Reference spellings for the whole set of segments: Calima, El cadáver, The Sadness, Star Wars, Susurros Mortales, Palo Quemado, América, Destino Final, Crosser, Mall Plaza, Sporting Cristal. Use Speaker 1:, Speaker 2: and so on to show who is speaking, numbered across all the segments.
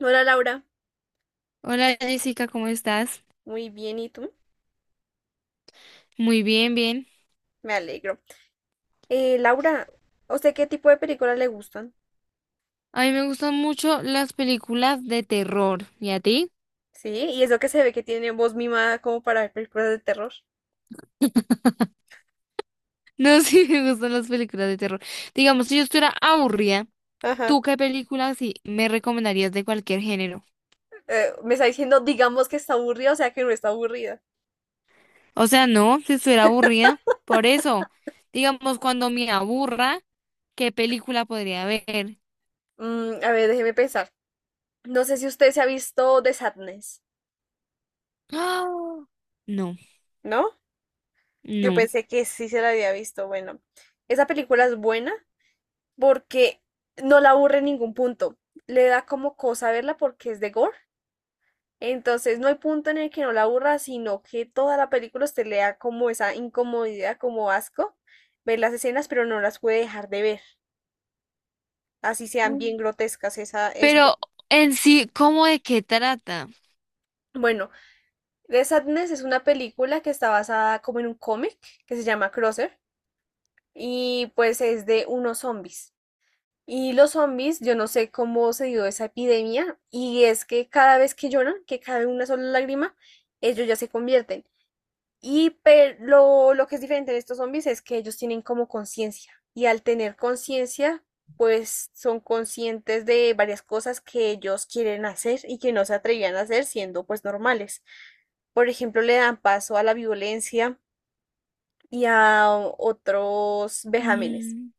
Speaker 1: Hola Laura,
Speaker 2: Hola Jessica, ¿cómo estás?
Speaker 1: muy bien, ¿y tú?
Speaker 2: Muy bien, bien.
Speaker 1: Me alegro. Laura, ¿a usted qué tipo de películas le gustan?
Speaker 2: A mí me gustan mucho las películas de terror. ¿Y a ti?
Speaker 1: Sí, y eso que se ve que tiene voz mimada como para ver películas de terror.
Speaker 2: No, sí, me gustan las películas de terror. Digamos, si yo estuviera aburrida,
Speaker 1: Ajá.
Speaker 2: ¿tú qué películas sí me recomendarías de cualquier género?
Speaker 1: Me está diciendo, digamos que está aburrida, o sea que no está aburrida.
Speaker 2: O sea, no, si estuviera aburrida. Por eso, digamos, cuando me aburra, ¿qué película podría ver?
Speaker 1: Mm, a ver, déjeme pensar. No sé si usted se ha visto The Sadness,
Speaker 2: ¡Ah! No,
Speaker 1: ¿no? Yo
Speaker 2: no.
Speaker 1: pensé que sí se la había visto. Bueno, esa película es buena porque no la aburre en ningún punto. Le da como cosa verla porque es de gore. Entonces no hay punto en el que no la aburra, sino que toda la película usted le da como esa incomodidad, como asco, ver las escenas, pero no las puede dejar de ver, así sean bien grotescas.
Speaker 2: Pero en sí, ¿cómo de qué trata?
Speaker 1: Bueno. The Sadness es una película que está basada como en un cómic que se llama Crosser y pues es de unos zombies. Y los zombies, yo no sé cómo se dio esa epidemia, y es que cada vez que lloran, que cae una sola lágrima, ellos ya se convierten. Y pero lo que es diferente de estos zombies es que ellos tienen como conciencia. Y al tener conciencia, pues son conscientes de varias cosas que ellos quieren hacer y que no se atrevían a hacer siendo pues normales. Por ejemplo, le dan paso a la violencia y a otros vejámenes.
Speaker 2: Mm.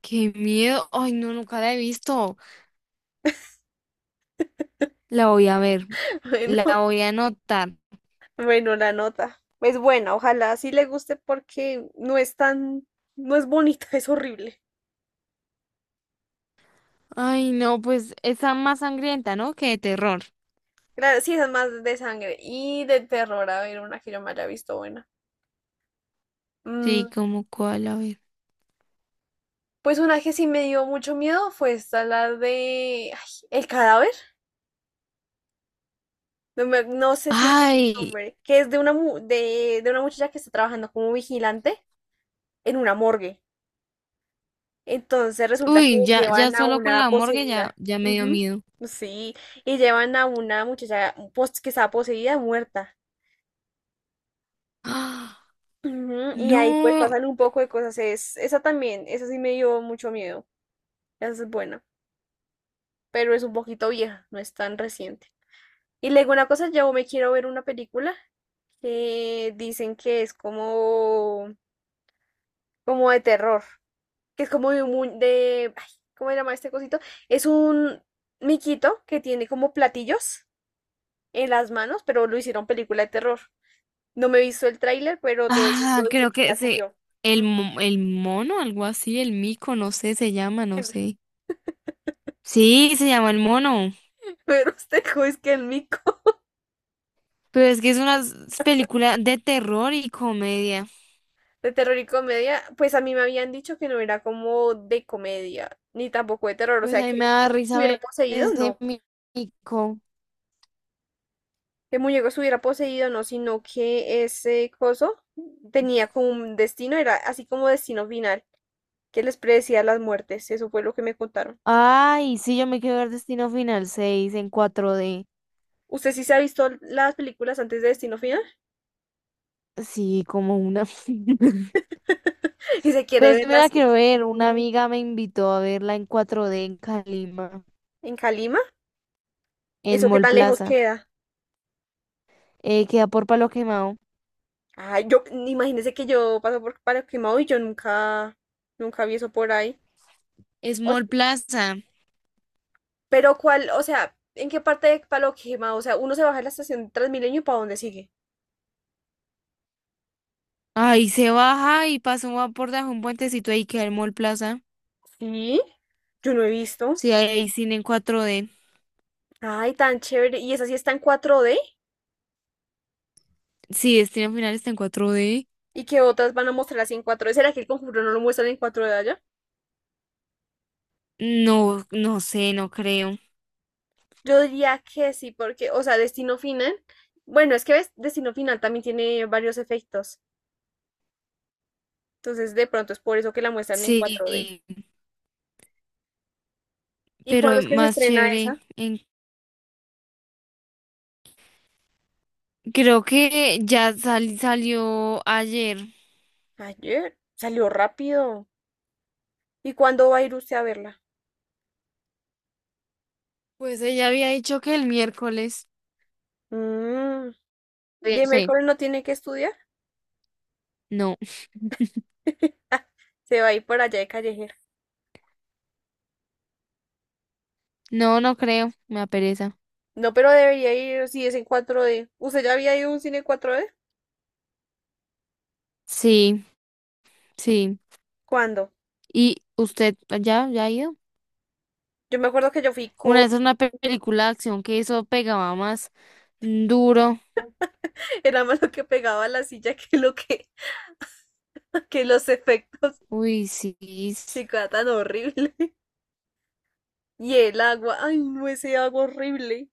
Speaker 2: Qué miedo. Ay, no, nunca la he visto. La voy a ver,
Speaker 1: Bueno,
Speaker 2: la voy a anotar.
Speaker 1: bueno, la nota. Es buena, ojalá sí le guste porque no es tan, no es bonita, es horrible.
Speaker 2: Ay, no, pues esa más sangrienta, ¿no? Que de terror.
Speaker 1: Claro, sí, esas más de sangre y de terror, a ver, una que yo me haya visto buena.
Speaker 2: Sí,
Speaker 1: Mm,
Speaker 2: como cuál, a ver.
Speaker 1: pues una que sí me dio mucho miedo fue esta, la de ay, El cadáver. No, no sé si es el
Speaker 2: Ay,
Speaker 1: nombre, que es de una, de una muchacha que está trabajando como vigilante en una morgue. Entonces resulta que
Speaker 2: uy, ya, ya
Speaker 1: llevan a
Speaker 2: solo con
Speaker 1: una
Speaker 2: la morgue ya,
Speaker 1: poseída.
Speaker 2: ya me dio
Speaker 1: Ujú.
Speaker 2: miedo.
Speaker 1: Sí, y llevan a una muchacha que estaba poseída, muerta.
Speaker 2: ¡Ah!
Speaker 1: Ujú, y ahí pues
Speaker 2: No,
Speaker 1: pasan un poco de cosas. Es, esa también, esa sí me dio mucho miedo. Esa es buena, pero es un poquito vieja, no es tan reciente. Y luego una cosa, yo me quiero ver una película que dicen que es como, como de terror, que es como de, ay, ¿cómo se llama este cosito? Es un miquito que tiene como platillos en las manos, pero lo hicieron película de terror. No me he visto el tráiler, pero todo el mundo dice
Speaker 2: creo
Speaker 1: que
Speaker 2: que
Speaker 1: ya
Speaker 2: se,
Speaker 1: salió.
Speaker 2: el, mo- el mono, algo así, el mico, no sé, se llama, no sé. Sí, se llama el mono.
Speaker 1: Pero usted es que el mico.
Speaker 2: Pero es que es una película de terror y comedia.
Speaker 1: De terror y comedia, pues a mí me habían dicho que no era como de comedia, ni tampoco de terror, o
Speaker 2: Pues
Speaker 1: sea,
Speaker 2: a mí
Speaker 1: que el
Speaker 2: me da
Speaker 1: muñeco
Speaker 2: risa
Speaker 1: estuviera
Speaker 2: ver
Speaker 1: poseído,
Speaker 2: ese
Speaker 1: no,
Speaker 2: mico.
Speaker 1: que el muñeco estuviera poseído, no, sino que ese coso tenía como un destino, era así como destino final, que les predecía las muertes, eso fue lo que me contaron.
Speaker 2: Ay, sí, yo me quiero ver Destino Final 6 en 4D.
Speaker 1: ¿Usted sí se ha visto las películas antes de Destino Final?
Speaker 2: Sí, como una.
Speaker 1: Y se quiere
Speaker 2: Pero sí me la
Speaker 1: verlas
Speaker 2: quiero ver. Una amiga me invitó a verla en 4D en Calima,
Speaker 1: en Calima,
Speaker 2: en
Speaker 1: eso qué
Speaker 2: Mall
Speaker 1: tan lejos
Speaker 2: Plaza.
Speaker 1: queda.
Speaker 2: Queda por Palo Quemado.
Speaker 1: Ay, yo, imagínese que yo paso por Paraquemao y yo nunca, nunca vi eso por ahí.
Speaker 2: Es Mall Plaza.
Speaker 1: Pero cuál, o sea, ¿en qué parte de Paloquima? O sea, uno se baja en la estación de Transmilenio y ¿para dónde sigue?
Speaker 2: Ay, se baja y pasa por debajo de un puentecito ahí queda el Mall Plaza.
Speaker 1: Sí. Yo no he visto.
Speaker 2: Sí, ahí hay cine en 4D.
Speaker 1: Ay, tan chévere. ¿Y esa sí está en cuatro d?
Speaker 2: Sí, Destino Final está en 4D.
Speaker 1: ¿Y qué otras van a mostrar así en cuatro d? ¿Será que el conjuro no lo muestran en cuatro d allá?
Speaker 2: No, no sé, no creo.
Speaker 1: Yo diría que sí, porque, o sea, Destino Final. Bueno, es que ves, Destino Final también tiene varios efectos. Entonces, de pronto es por eso que la muestran en
Speaker 2: Sí,
Speaker 1: cuatro d. ¿Y cuándo
Speaker 2: pero
Speaker 1: es que se
Speaker 2: más
Speaker 1: estrena
Speaker 2: chévere.
Speaker 1: esa?
Speaker 2: Creo que ya salió ayer.
Speaker 1: Ayer. Salió rápido. ¿Y cuándo va a ir usted a verla?
Speaker 2: Pues ella había dicho que el miércoles.
Speaker 1: Mm. Y el
Speaker 2: Sí.
Speaker 1: miércoles no tiene que estudiar.
Speaker 2: No,
Speaker 1: Se va a ir por allá de callejera.
Speaker 2: no, no creo. Me apereza.
Speaker 1: No, pero debería ir si es en cuatro d. ¿Usted ya había ido a un cine cuatro d?
Speaker 2: Sí, sí.
Speaker 1: ¿Cuándo?
Speaker 2: ¿Y usted ya, ya ha ido?
Speaker 1: Yo me acuerdo que yo fui con...
Speaker 2: Una vez una película de acción que eso pegaba más duro.
Speaker 1: Era más lo que pegaba a la silla que lo que... que los efectos,
Speaker 2: Uy, sí. s-
Speaker 1: que era tan horrible. Y el agua, ay no, ese agua horrible.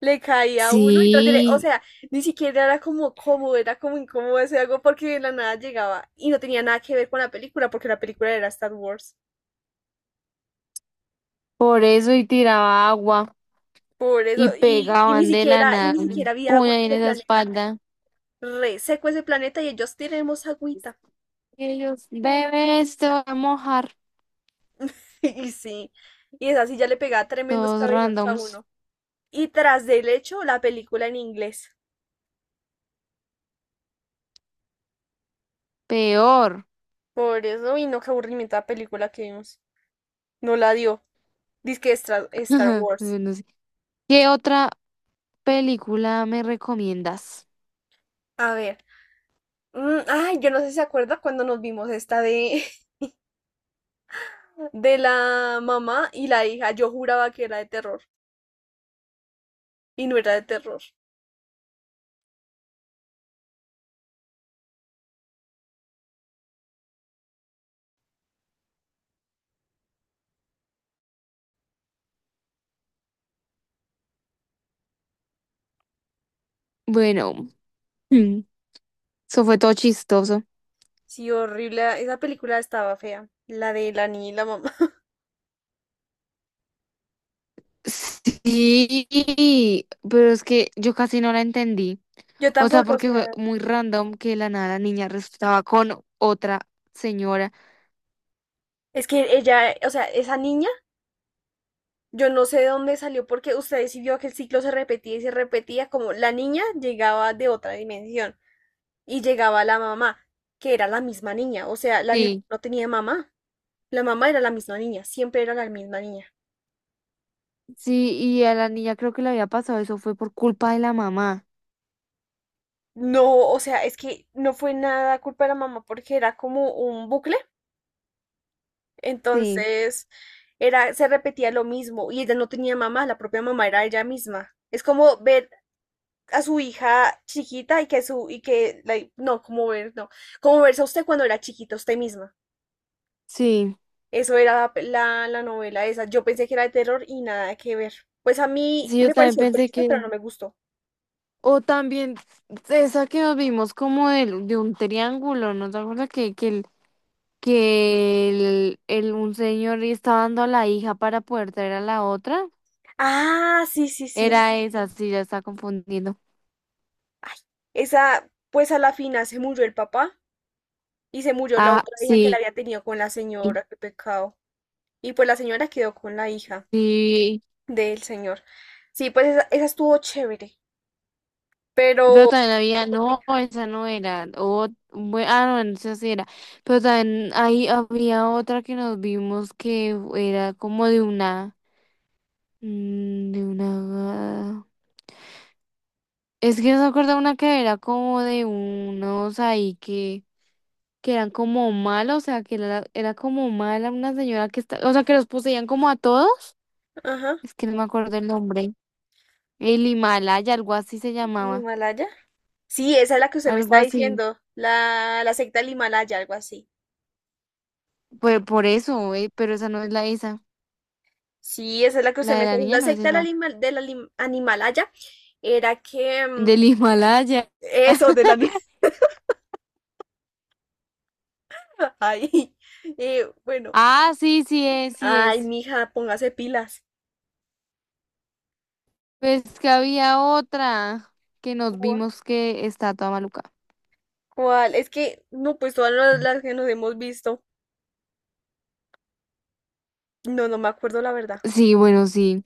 Speaker 1: Le caía a uno y o
Speaker 2: Sí,
Speaker 1: sea, ni siquiera era como cómodo, era como incómodo ese agua porque de la nada llegaba y no tenía nada que ver con la película porque la película era Star Wars.
Speaker 2: por eso y tiraba agua
Speaker 1: Por eso,
Speaker 2: y
Speaker 1: y ni
Speaker 2: pegaban de la
Speaker 1: siquiera, y
Speaker 2: nada
Speaker 1: ni
Speaker 2: un
Speaker 1: siquiera había
Speaker 2: puño
Speaker 1: agua
Speaker 2: ahí
Speaker 1: en
Speaker 2: en
Speaker 1: ese
Speaker 2: esa
Speaker 1: planeta.
Speaker 2: espalda.
Speaker 1: Re seco ese planeta y ellos tenemos agüita.
Speaker 2: Ellos beben esto, a mojar
Speaker 1: Y sí, y esa sí ya le pegaba tremendos
Speaker 2: todos
Speaker 1: cabezazos a
Speaker 2: randoms.
Speaker 1: uno. Y tras del hecho, la película en inglés.
Speaker 2: Peor.
Speaker 1: Por eso, y no, qué aburrimiento la película que vimos. No la dio. Dice que Star, Star Wars.
Speaker 2: No sé. ¿Qué otra película me recomiendas?
Speaker 1: A ver. Mm, ay, yo no sé si se acuerda cuando nos vimos esta de, de la mamá y la hija. Yo juraba que era de terror. Y no era de terror.
Speaker 2: Bueno, mm, eso fue todo chistoso.
Speaker 1: Sí, horrible. Esa película estaba fea. La de la niña y la mamá.
Speaker 2: Sí, pero es que yo casi no la entendí.
Speaker 1: Yo
Speaker 2: O sea,
Speaker 1: tampoco, o
Speaker 2: porque fue
Speaker 1: sea,
Speaker 2: muy random que de la nada la niña resultaba con otra señora.
Speaker 1: es que ella, o sea, esa niña, yo no sé de dónde salió porque usted sí vio que el ciclo se repetía y se repetía, como la niña llegaba de otra dimensión y llegaba la mamá, que era la misma niña, o sea, la niña
Speaker 2: Sí,
Speaker 1: no tenía mamá, la mamá era la misma niña, siempre era la misma niña.
Speaker 2: sí, y a la niña creo que le había pasado eso fue por culpa de la mamá.
Speaker 1: No, o sea, es que no fue nada culpa de la mamá porque era como un bucle.
Speaker 2: Sí,
Speaker 1: Entonces, era, se repetía lo mismo y ella no tenía mamá, la propia mamá era ella misma. Es como ver a su hija chiquita y que su, y que, no, como ver, no, como verse a usted cuando era chiquita, usted misma.
Speaker 2: sí.
Speaker 1: Eso era la novela esa. Yo pensé que era de terror y nada que ver. Pues a mí
Speaker 2: Sí, yo
Speaker 1: me
Speaker 2: también
Speaker 1: pareció
Speaker 2: pensé
Speaker 1: triste,
Speaker 2: que
Speaker 1: pero no me gustó.
Speaker 2: o también esa que nos vimos como un triángulo, ¿no te acuerdas un señor estaba dando a la hija para poder traer a la otra?
Speaker 1: Ah, sí, sí, sí.
Speaker 2: Era esa, sí, ya está confundiendo.
Speaker 1: Ay, esa, pues a la final se murió el papá y se murió la
Speaker 2: Ah,
Speaker 1: otra hija que la
Speaker 2: sí,
Speaker 1: había tenido con la señora, qué pecado. Y pues la señora quedó con la hija
Speaker 2: sí.
Speaker 1: del señor. Sí, pues esa estuvo chévere,
Speaker 2: Pero
Speaker 1: pero...
Speaker 2: también había, no, esa no era. O, no, esa sí era. Pero también ahí había otra que nos vimos que era como de una, mm, de una. Es que no se acuerda una que era como de unos ahí que eran como malos, o sea, que era como mala una señora que está, o sea, que los poseían como a todos.
Speaker 1: Ajá,
Speaker 2: Es que no me acuerdo el nombre. El Himalaya, algo así se
Speaker 1: el
Speaker 2: llamaba,
Speaker 1: Himalaya. Sí, esa es la que usted me
Speaker 2: algo
Speaker 1: está
Speaker 2: así.
Speaker 1: diciendo, la secta del Himalaya, algo así.
Speaker 2: Pues por eso, pero esa no es la esa.
Speaker 1: Sí, esa es la que usted
Speaker 2: La
Speaker 1: me
Speaker 2: de
Speaker 1: está
Speaker 2: la
Speaker 1: diciendo,
Speaker 2: niña
Speaker 1: la
Speaker 2: no es
Speaker 1: secta del,
Speaker 2: esa.
Speaker 1: Animalaya era que... mm,
Speaker 2: Del Himalaya.
Speaker 1: eso, de la niña. Ay, bueno.
Speaker 2: Ah, sí, sí es, sí
Speaker 1: Ay,
Speaker 2: es.
Speaker 1: mija, póngase pilas.
Speaker 2: Pues que había otra que nos
Speaker 1: ¿Cuál?
Speaker 2: vimos que está toda maluca.
Speaker 1: ¿Cuál? Es que, no, pues todas las que nos hemos visto. No, no me acuerdo la verdad.
Speaker 2: Sí, bueno, sí.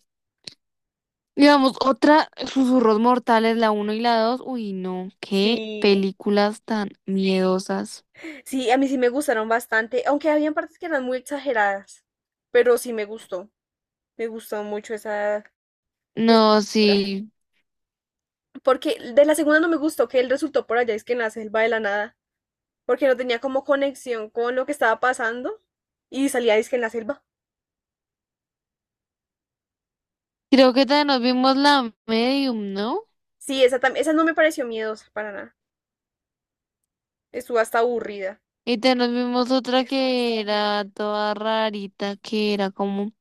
Speaker 2: Digamos, otra, Susurros Mortales, la uno y la dos. Uy, no, qué
Speaker 1: Sí.
Speaker 2: películas tan miedosas.
Speaker 1: Sí, a mí sí me gustaron bastante, aunque habían partes que eran muy exageradas, pero sí me gustó mucho esa, esa
Speaker 2: No,
Speaker 1: película.
Speaker 2: sí.
Speaker 1: Porque de la segunda no me gustó que él resultó por allá, es que en la selva de la nada, porque no tenía como conexión con lo que estaba pasando y salía es que en la selva.
Speaker 2: Creo que también nos vimos la Medium, ¿no?
Speaker 1: Sí, esa, esa no me pareció miedosa para nada, estuvo hasta aburrida.
Speaker 2: Y también nos vimos otra que era toda rarita, que era como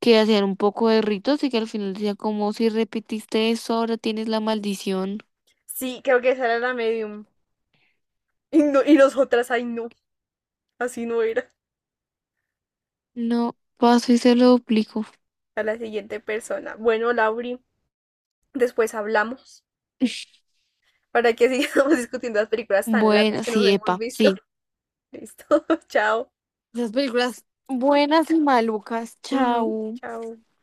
Speaker 2: que hacían un poco de ritos y que al final decía como si repetiste eso, ahora tienes la maldición.
Speaker 1: Sí, creo que esa era la medium. Y, no, y nosotras, ay no, así no era.
Speaker 2: No, paso y se lo duplico.
Speaker 1: A la siguiente persona. Bueno, Lauri, después hablamos, para que sigamos discutiendo las películas tan latas
Speaker 2: Bueno,
Speaker 1: que nos
Speaker 2: sí,
Speaker 1: hemos
Speaker 2: epa,
Speaker 1: visto.
Speaker 2: sí.
Speaker 1: Listo, chao.
Speaker 2: Esas películas buenas y malucas,
Speaker 1: Ujú,
Speaker 2: chao.
Speaker 1: chao.